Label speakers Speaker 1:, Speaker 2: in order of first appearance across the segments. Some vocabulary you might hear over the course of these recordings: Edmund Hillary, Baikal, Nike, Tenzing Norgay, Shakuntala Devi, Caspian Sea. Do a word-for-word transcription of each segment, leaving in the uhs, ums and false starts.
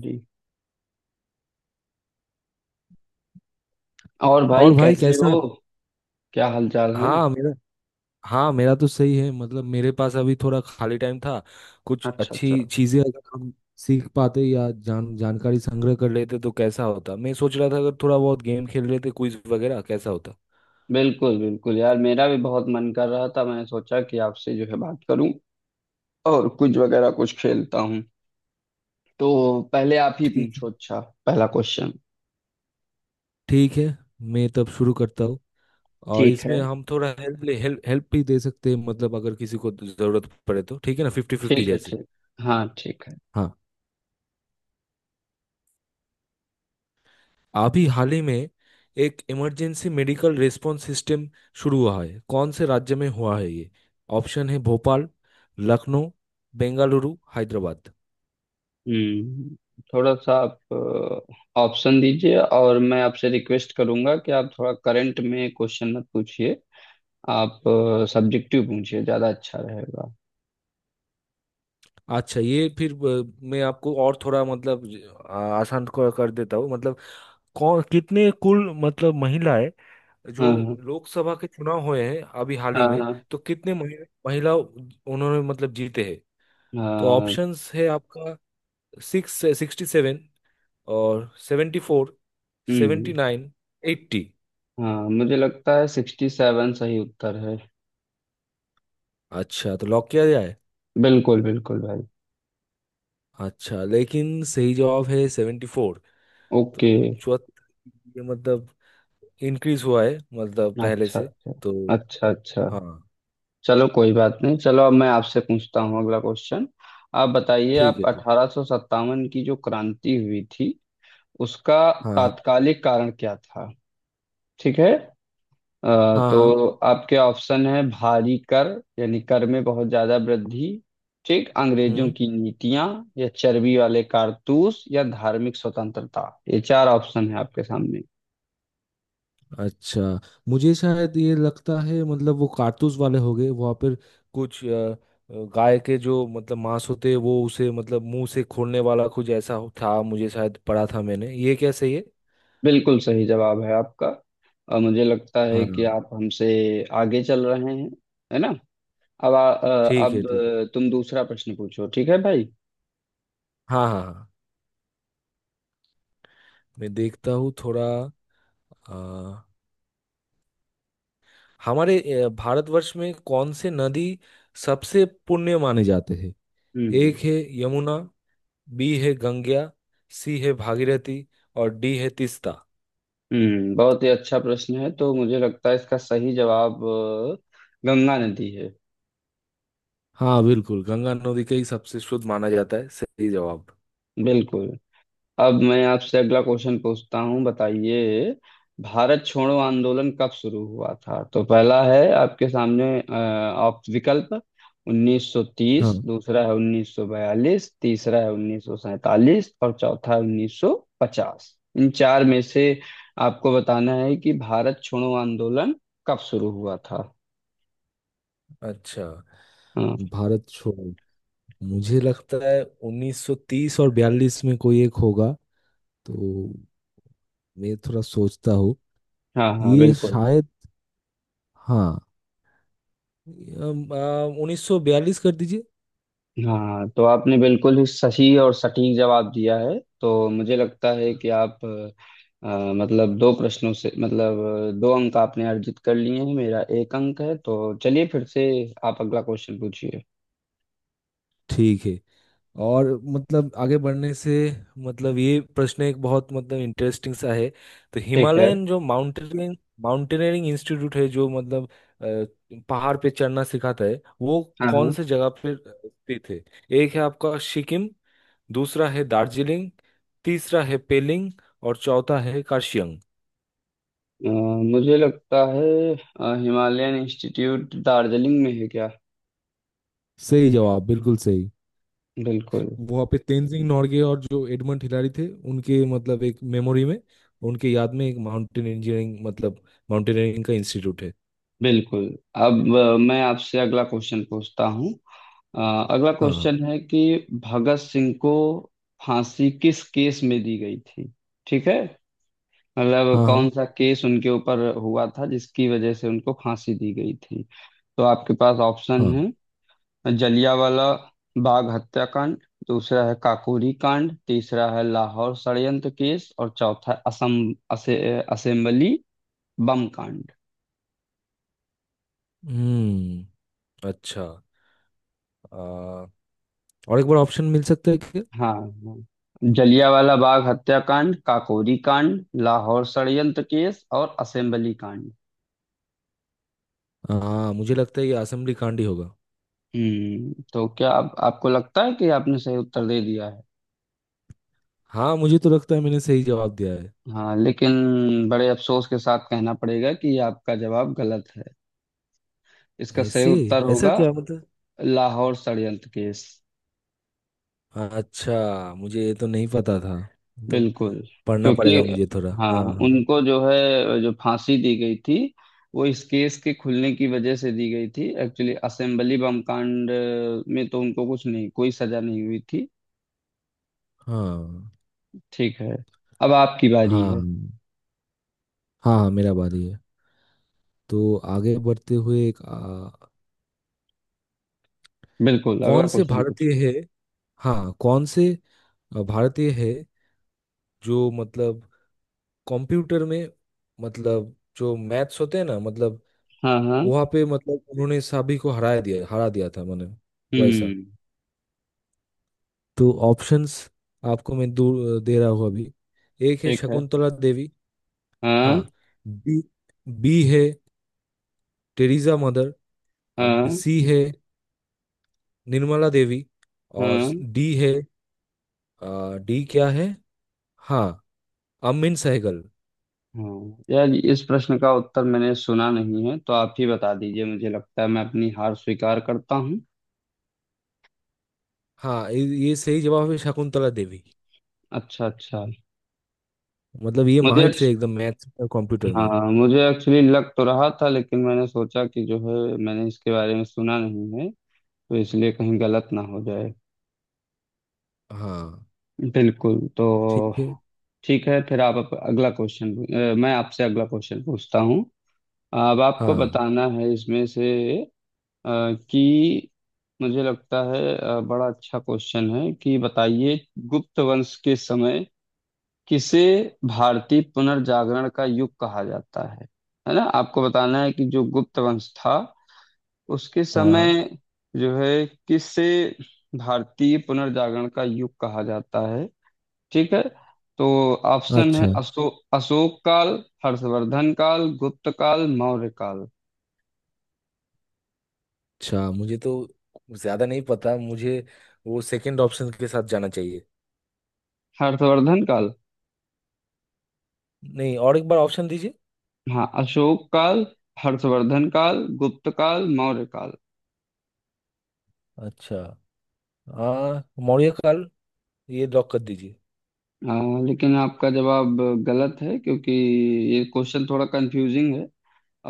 Speaker 1: जी। और भाई
Speaker 2: और भाई
Speaker 1: कैसे हो?
Speaker 2: कैसा?
Speaker 1: क्या हालचाल है?
Speaker 2: हाँ मेरा हाँ मेरा तो सही है। मतलब मेरे पास अभी थोड़ा खाली टाइम था। कुछ
Speaker 1: अच्छा अच्छा।
Speaker 2: अच्छी चीजें अगर हम सीख पाते या जान जानकारी संग्रह कर लेते तो कैसा होता, मैं सोच रहा था। अगर थोड़ा बहुत गेम खेल लेते, क्विज वगैरह, कैसा होता।
Speaker 1: बिल्कुल बिल्कुल यार, मेरा भी बहुत मन कर रहा था। मैंने सोचा कि आपसे जो है बात करूं और कुछ वगैरह कुछ खेलता हूं। तो पहले आप ही
Speaker 2: ठीक है।
Speaker 1: पूछो। अच्छा। पहला क्वेश्चन।
Speaker 2: ठीक है। मैं तब शुरू करता हूँ। और
Speaker 1: ठीक है,
Speaker 2: इसमें हम थोड़ा हेल्प ले, हेल्प हेल्प भी दे सकते हैं। मतलब अगर किसी को जरूरत पड़े तो। ठीक है ना, फिफ्टी फिफ्टी
Speaker 1: ठीक है,
Speaker 2: जैसे।
Speaker 1: ठीक। हाँ ठीक है।
Speaker 2: हाँ। अभी हाल ही में एक इमरजेंसी मेडिकल रिस्पॉन्स सिस्टम शुरू हुआ है। कौन से राज्य में हुआ है ये? ऑप्शन है भोपाल, लखनऊ, बेंगलुरु, हैदराबाद।
Speaker 1: हम्म थोड़ा सा आप ऑप्शन दीजिए और मैं आपसे रिक्वेस्ट करूंगा कि आप थोड़ा करंट में क्वेश्चन मत पूछिए। आप सब्जेक्टिव पूछिए, ज्यादा अच्छा रहेगा।
Speaker 2: अच्छा, ये फिर अ, मैं आपको और थोड़ा मतलब अ, आसान कर कर देता हूँ। मतलब कौन कितने, कुल मतलब महिलाएं जो
Speaker 1: हाँ हाँ।
Speaker 2: लोकसभा के चुनाव हुए हैं अभी हाल ही
Speaker 1: हाँ
Speaker 2: में,
Speaker 1: हाँ।
Speaker 2: तो कितने महि- महिला उन्होंने मतलब जीते हैं। तो
Speaker 1: हाँ।
Speaker 2: ऑप्शंस है आपका सिक्स सिक्सटी सेवन और सेवेंटी फोर, सेवेंटी
Speaker 1: हम्म।
Speaker 2: Nine, eighty.
Speaker 1: हाँ, मुझे लगता है सिक्सटी सेवन सही उत्तर है।
Speaker 2: अच्छा, तो लॉक किया जाए।
Speaker 1: बिल्कुल बिल्कुल भाई।
Speaker 2: अच्छा, लेकिन सही जवाब है सेवेंटी फोर।
Speaker 1: ओके।
Speaker 2: तो चौहत्तर, ये मतलब इंक्रीज हुआ है मतलब पहले
Speaker 1: अच्छा
Speaker 2: से।
Speaker 1: अच्छा।
Speaker 2: तो
Speaker 1: अच्छा अच्छा।
Speaker 2: हाँ।
Speaker 1: चलो, कोई बात नहीं। चलो, अब मैं आपसे पूछता हूँ अगला क्वेश्चन। आप बताइए,
Speaker 2: ठीक
Speaker 1: आप
Speaker 2: है। ठीक।
Speaker 1: अठारह सौ सत्तावन की जो क्रांति हुई थी उसका
Speaker 2: हाँ, हाँ,
Speaker 1: तात्कालिक कारण क्या था? ठीक है। अ,
Speaker 2: हाँ, हाँ।
Speaker 1: तो आपके ऑप्शन है भारी कर, यानी कर में बहुत ज्यादा वृद्धि, ठीक अंग्रेजों
Speaker 2: हम्म।
Speaker 1: की नीतियां, या चर्बी वाले कारतूस, या धार्मिक स्वतंत्रता। ये चार ऑप्शन है आपके सामने।
Speaker 2: अच्छा, मुझे शायद ये लगता है मतलब वो कारतूस वाले हो गए वहाँ पर। कुछ अ, गाय के जो मतलब मांस होते हैं, वो उसे मतलब मुंह से खोलने वाला कुछ ऐसा हो- था, मुझे शायद पढ़ा था मैंने, ये क्या सही है?
Speaker 1: बिल्कुल सही जवाब है आपका। और मुझे लगता है
Speaker 2: हाँ।
Speaker 1: कि आप हमसे आगे चल रहे हैं, है ना? अब आ- अ,
Speaker 2: ठीक है।
Speaker 1: अब
Speaker 2: ठीक है।
Speaker 1: अ, तुम दूसरा प्रश्न पूछो। ठीक है भाई।
Speaker 2: हाँ, हाँ, हाँ। मैं देखता हूँ थोड़ा। अ, हमारे अ, भारतवर्ष में कौन से नदी सबसे पुण्य माने जाते हैं?
Speaker 1: हम्म
Speaker 2: एक है यमुना, बी है गंगा, सी है भागीरथी, और डी है तीस्ता।
Speaker 1: हम्म। बहुत ही अच्छा प्रश्न है तो मुझे लगता है इसका सही जवाब अ, गंगा नदी है।
Speaker 2: हाँ बिल्कुल, गंगा नदी का ही सबसे शुद्ध माना जाता है, सही जवाब।
Speaker 1: बिल्कुल। अब मैं आपसे अगला क्वेश्चन पूछता हूँ। बताइए, भारत छोड़ो आंदोलन कब शुरू हुआ था? तो पहला है आपके सामने अ, आप विकल्प
Speaker 2: हाँ।
Speaker 1: उन्नीस सौ तीस, दूसरा है उन्नीस सौ बयालीस, तीसरा है उन्नीस सौ सैंतालीस और चौथा है उन्नीस सौ पचास। इन चार में से आपको बताना है कि भारत छोड़ो आंदोलन कब शुरू हुआ था।
Speaker 2: अच्छा,
Speaker 1: हाँ
Speaker 2: भारत छोड़ो, मुझे लगता है उन्नीस सौ तीस और बयालीस में कोई एक होगा तो। मैं थोड़ा सोचता हूँ।
Speaker 1: हाँ। हाँ
Speaker 2: ये
Speaker 1: बिल्कुल।
Speaker 2: शायद, हाँ, उन्नीस सौ बयालीस कर दीजिए।
Speaker 1: हाँ, तो आपने बिल्कुल ही सही और सटीक जवाब दिया है, तो मुझे लगता है कि आप अ, मतलब दो प्रश्नों से मतलब अ, दो अंक आपने अर्जित कर लिए हैं। मेरा एक अंक है, तो चलिए फिर से आप अगला क्वेश्चन पूछिए।
Speaker 2: ठीक है। और मतलब आगे बढ़ने से, मतलब ये प्रश्न एक बहुत मतलब इंटरेस्टिंग सा है। तो
Speaker 1: ठीक है।
Speaker 2: हिमालयन जो माउंटेनियरिंग माउंटेनियरिंग इंस्टीट्यूट है, जो मतलब अ, पहाड़ पे चढ़ना सिखाता है वो,
Speaker 1: हाँ हाँ।
Speaker 2: कौन से जगह पे स्थित है? एक है आपका सिक्किम, दूसरा है दार्जिलिंग, तीसरा है पेलिंग, और चौथा है कार्शियंग।
Speaker 1: अ, मुझे लगता है अ, हिमालयन इंस्टीट्यूट दार्जिलिंग में है क्या?
Speaker 2: सही जवाब, बिल्कुल सही।
Speaker 1: बिल्कुल
Speaker 2: वहाँ पे तेनजिंग नोर्गे और जो एडमंड हिलारी थे, उनके मतलब एक मेमोरी में, उनके याद में एक माउंटेन इंजीनियरिंग मतलब माउंटेनियरिंग का इंस्टीट्यूट है।
Speaker 1: बिल्कुल। अब अ, मैं आपसे अगला क्वेश्चन पूछता हूँ। अ, अगला
Speaker 2: हाँ,
Speaker 1: क्वेश्चन है कि भगत सिंह को फांसी किस केस में दी गई थी? ठीक है। मतलब
Speaker 2: हाँ,
Speaker 1: कौन
Speaker 2: हाँ,
Speaker 1: सा केस उनके ऊपर हुआ था जिसकी वजह से उनको फांसी दी गई थी? तो आपके पास ऑप्शन
Speaker 2: हाँ।
Speaker 1: है जलियांवाला बाग हत्याकांड, दूसरा है काकोरी कांड, तीसरा है लाहौर षड्यंत्र केस और चौथा असम असे, असेंबली बम कांड।
Speaker 2: हम्म। अच्छा। आ, और एक बार ऑप्शन मिल सकता है क्या?
Speaker 1: हाँ हाँ। जलियांवाला बाग हत्याकांड, काकोरी कांड, लाहौर षड्यंत्र केस और असेंबली कांड।
Speaker 2: हाँ, मुझे लगता है ये असेंबली कांड ही होगा।
Speaker 1: हम्म तो क्या आप, आपको लगता है कि आपने सही उत्तर दे दिया है?
Speaker 2: हाँ, मुझे तो लगता है मैंने सही जवाब दिया है।
Speaker 1: हाँ लेकिन बड़े अफसोस के साथ कहना पड़ेगा कि आपका जवाब गलत है। इसका सही
Speaker 2: ऐसे
Speaker 1: उत्तर
Speaker 2: ऐसा
Speaker 1: होगा
Speaker 2: क्या मतलब?
Speaker 1: लाहौर षड्यंत्र केस।
Speaker 2: अच्छा, मुझे ये तो नहीं पता था मतलब,
Speaker 1: बिल्कुल।
Speaker 2: पढ़ना
Speaker 1: क्योंकि
Speaker 2: पड़ेगा मुझे थोड़ा।
Speaker 1: हाँ,
Speaker 2: हाँ, हाँ।
Speaker 1: उनको जो है जो फांसी दी गई थी वो इस केस के खुलने की वजह से दी गई थी, एक्चुअली। असेंबली बम कांड में तो उनको कुछ नहीं, कोई सजा नहीं हुई थी।
Speaker 2: हाँ,
Speaker 1: ठीक है। अब आपकी बारी
Speaker 2: हाँ।
Speaker 1: है।
Speaker 2: हाँ, हाँ, मेरा बारी है। तो आगे बढ़ते हुए एक, आ,
Speaker 1: बिल्कुल, अगला
Speaker 2: कौन से
Speaker 1: क्वेश्चन कुछ।
Speaker 2: भारतीय है, हाँ, कौन से आ, भारतीय है जो मतलब कंप्यूटर में, मतलब जो मैथ्स होते हैं ना, मतलब
Speaker 1: हाँ हाँ।
Speaker 2: वहाँ पे मतलब उन्होंने सभी को हरा दिया हरा दिया था मैंने, वैसा।
Speaker 1: हम्म।
Speaker 2: तो ऑप्शंस आपको मैं दू, दे रहा हूँ अभी। एक है
Speaker 1: ठीक है।
Speaker 2: शकुंतला देवी,
Speaker 1: हाँ
Speaker 2: हाँ। बी बी है टेरिसा मदर। अब
Speaker 1: हाँ
Speaker 2: सी है निर्मला देवी, और
Speaker 1: हाँ।
Speaker 2: डी है, आ, डी क्या है, हाँ, अमिन सहगल।
Speaker 1: हाँ यार, इस प्रश्न का उत्तर मैंने सुना नहीं है, तो आप ही बता दीजिए। मुझे लगता है मैं अपनी हार स्वीकार करता हूँ।
Speaker 2: हाँ ये ये सही जवाब है, शकुंतला देवी।
Speaker 1: अच्छा अच्छा।
Speaker 2: मतलब ये
Speaker 1: मुझे,
Speaker 2: माहिर से एकदम मैथ्स और कंप्यूटर में।
Speaker 1: हाँ, मुझे एक्चुअली लग तो रहा था, लेकिन मैंने सोचा कि जो है मैंने इसके बारे में सुना नहीं है, तो इसलिए कहीं गलत ना हो जाए।
Speaker 2: हाँ।
Speaker 1: बिल्कुल। तो
Speaker 2: ठीक है।
Speaker 1: ठीक है, फिर आप अप, अगला क्वेश्चन। अ, मैं आपसे अगला क्वेश्चन पूछता हूँ। अब आपको
Speaker 2: हाँ,
Speaker 1: बताना है इसमें से अ, कि मुझे लगता है अ, बड़ा अच्छा क्वेश्चन है कि बताइए गुप्त वंश के समय किसे भारतीय पुनर्जागरण का युग कहा जाता है? है ना? आपको बताना है कि जो गुप्त वंश था उसके
Speaker 2: हाँ, हाँ।
Speaker 1: समय जो है किसे भारतीय पुनर्जागरण का युग कहा जाता है। ठीक है। तो ऑप्शन है
Speaker 2: अच्छा,
Speaker 1: अशो, अशोक काल, हर्षवर्धन काल, गुप्त काल, मौर्य काल।
Speaker 2: अच्छा। मुझे तो ज्यादा नहीं पता, मुझे वो सेकंड ऑप्शन के साथ जाना चाहिए।
Speaker 1: हर्षवर्धन काल।
Speaker 2: नहीं, और एक बार ऑप्शन दीजिए।
Speaker 1: हाँ, अशोक काल, हर्षवर्धन काल, गुप्त काल, मौर्य काल।
Speaker 2: अच्छा, हाँ मौर्य काल, ये लॉक कर दीजिए।
Speaker 1: अ, लेकिन आपका जवाब गलत है क्योंकि ये क्वेश्चन थोड़ा कंफ्यूजिंग है।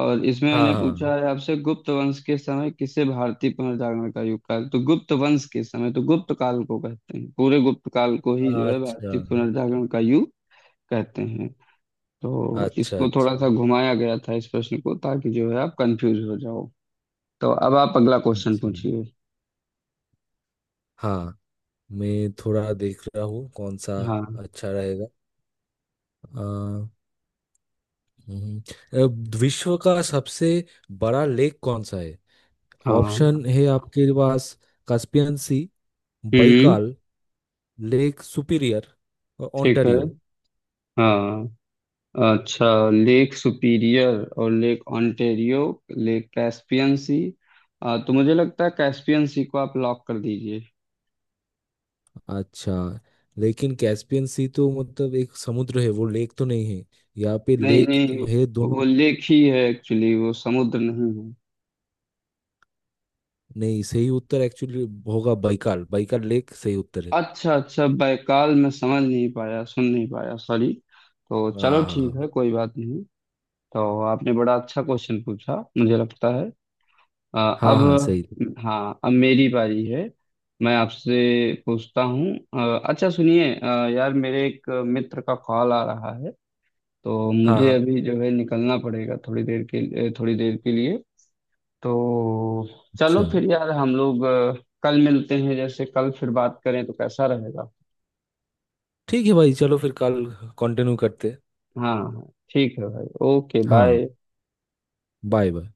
Speaker 1: और इसमें मैंने
Speaker 2: हाँ,
Speaker 1: पूछा है आपसे गुप्त वंश के समय किसे भारतीय पुनर्जागरण का युग कहा, तो गुप्त वंश के समय तो गुप्त काल को कहते हैं। पूरे गुप्त काल को ही जो
Speaker 2: हाँ।
Speaker 1: है
Speaker 2: अच्छा,
Speaker 1: भारतीय पुनर्जागरण का युग कहते हैं। तो
Speaker 2: अच्छा,
Speaker 1: इसको थोड़ा
Speaker 2: अच्छा,
Speaker 1: सा घुमाया गया था इस प्रश्न को, ताकि जो है आप कंफ्यूज हो जाओ। तो अब आप अगला क्वेश्चन
Speaker 2: अच्छा।
Speaker 1: पूछिए।
Speaker 2: हाँ, मैं थोड़ा देख रहा हूँ कौन सा
Speaker 1: हाँ
Speaker 2: अच्छा रहेगा। हम्म, अ, विश्व का सबसे बड़ा लेक कौन सा है?
Speaker 1: हाँ।
Speaker 2: ऑप्शन है आपके पास कास्पियन सी,
Speaker 1: हम्म।
Speaker 2: बैकाल, लेक सुपीरियर, और
Speaker 1: ठीक है।
Speaker 2: ओंटारियो।
Speaker 1: हाँ अच्छा। लेक सुपीरियर और Lake Ontario, Lake Caspian Sea, आ, तो मुझे लगता है कैस्पियन सी को आप लॉक कर दीजिए।
Speaker 2: अच्छा, लेकिन कैस्पियन सी तो मतलब एक समुद्र है, वो लेक तो नहीं है। यहाँ पे
Speaker 1: नहीं
Speaker 2: लेक
Speaker 1: नहीं,
Speaker 2: है
Speaker 1: वो
Speaker 2: दोनों।
Speaker 1: लेक ही है एक्चुअली। वो समुद्र नहीं है।
Speaker 2: नहीं, सही उत्तर एक्चुअली होगा बैकाल। बैकाल लेक सही उत्तर है।
Speaker 1: अच्छा अच्छा, बैकाल मैं समझ नहीं पाया, सुन नहीं पाया, सॉरी। तो चलो
Speaker 2: हाँ,
Speaker 1: ठीक है, कोई बात नहीं। तो आपने बड़ा अच्छा क्वेश्चन पूछा, मुझे लगता है। अ,
Speaker 2: हाँ, हाँ, हाँ,
Speaker 1: अब
Speaker 2: सही।
Speaker 1: हाँ, अब मेरी बारी है। मैं आपसे पूछता हूँ अ, अच्छा सुनिए अ, यार, मेरे एक मित्र का कॉल आ रहा है, तो
Speaker 2: हाँ,
Speaker 1: मुझे
Speaker 2: हाँ।
Speaker 1: अभी जो है निकलना पड़ेगा थोड़ी देर के लिए, थोड़ी देर के लिए। तो चलो
Speaker 2: अच्छा,
Speaker 1: फिर यार, हम लोग अ, कल मिलते हैं। जैसे कल फिर बात करें तो कैसा रहेगा?
Speaker 2: ठीक है भाई, चलो फिर कल कंटिन्यू करते हैं।
Speaker 1: हाँ हाँ ठीक है भाई, ओके
Speaker 2: हाँ।
Speaker 1: बाय।
Speaker 2: Bye bye.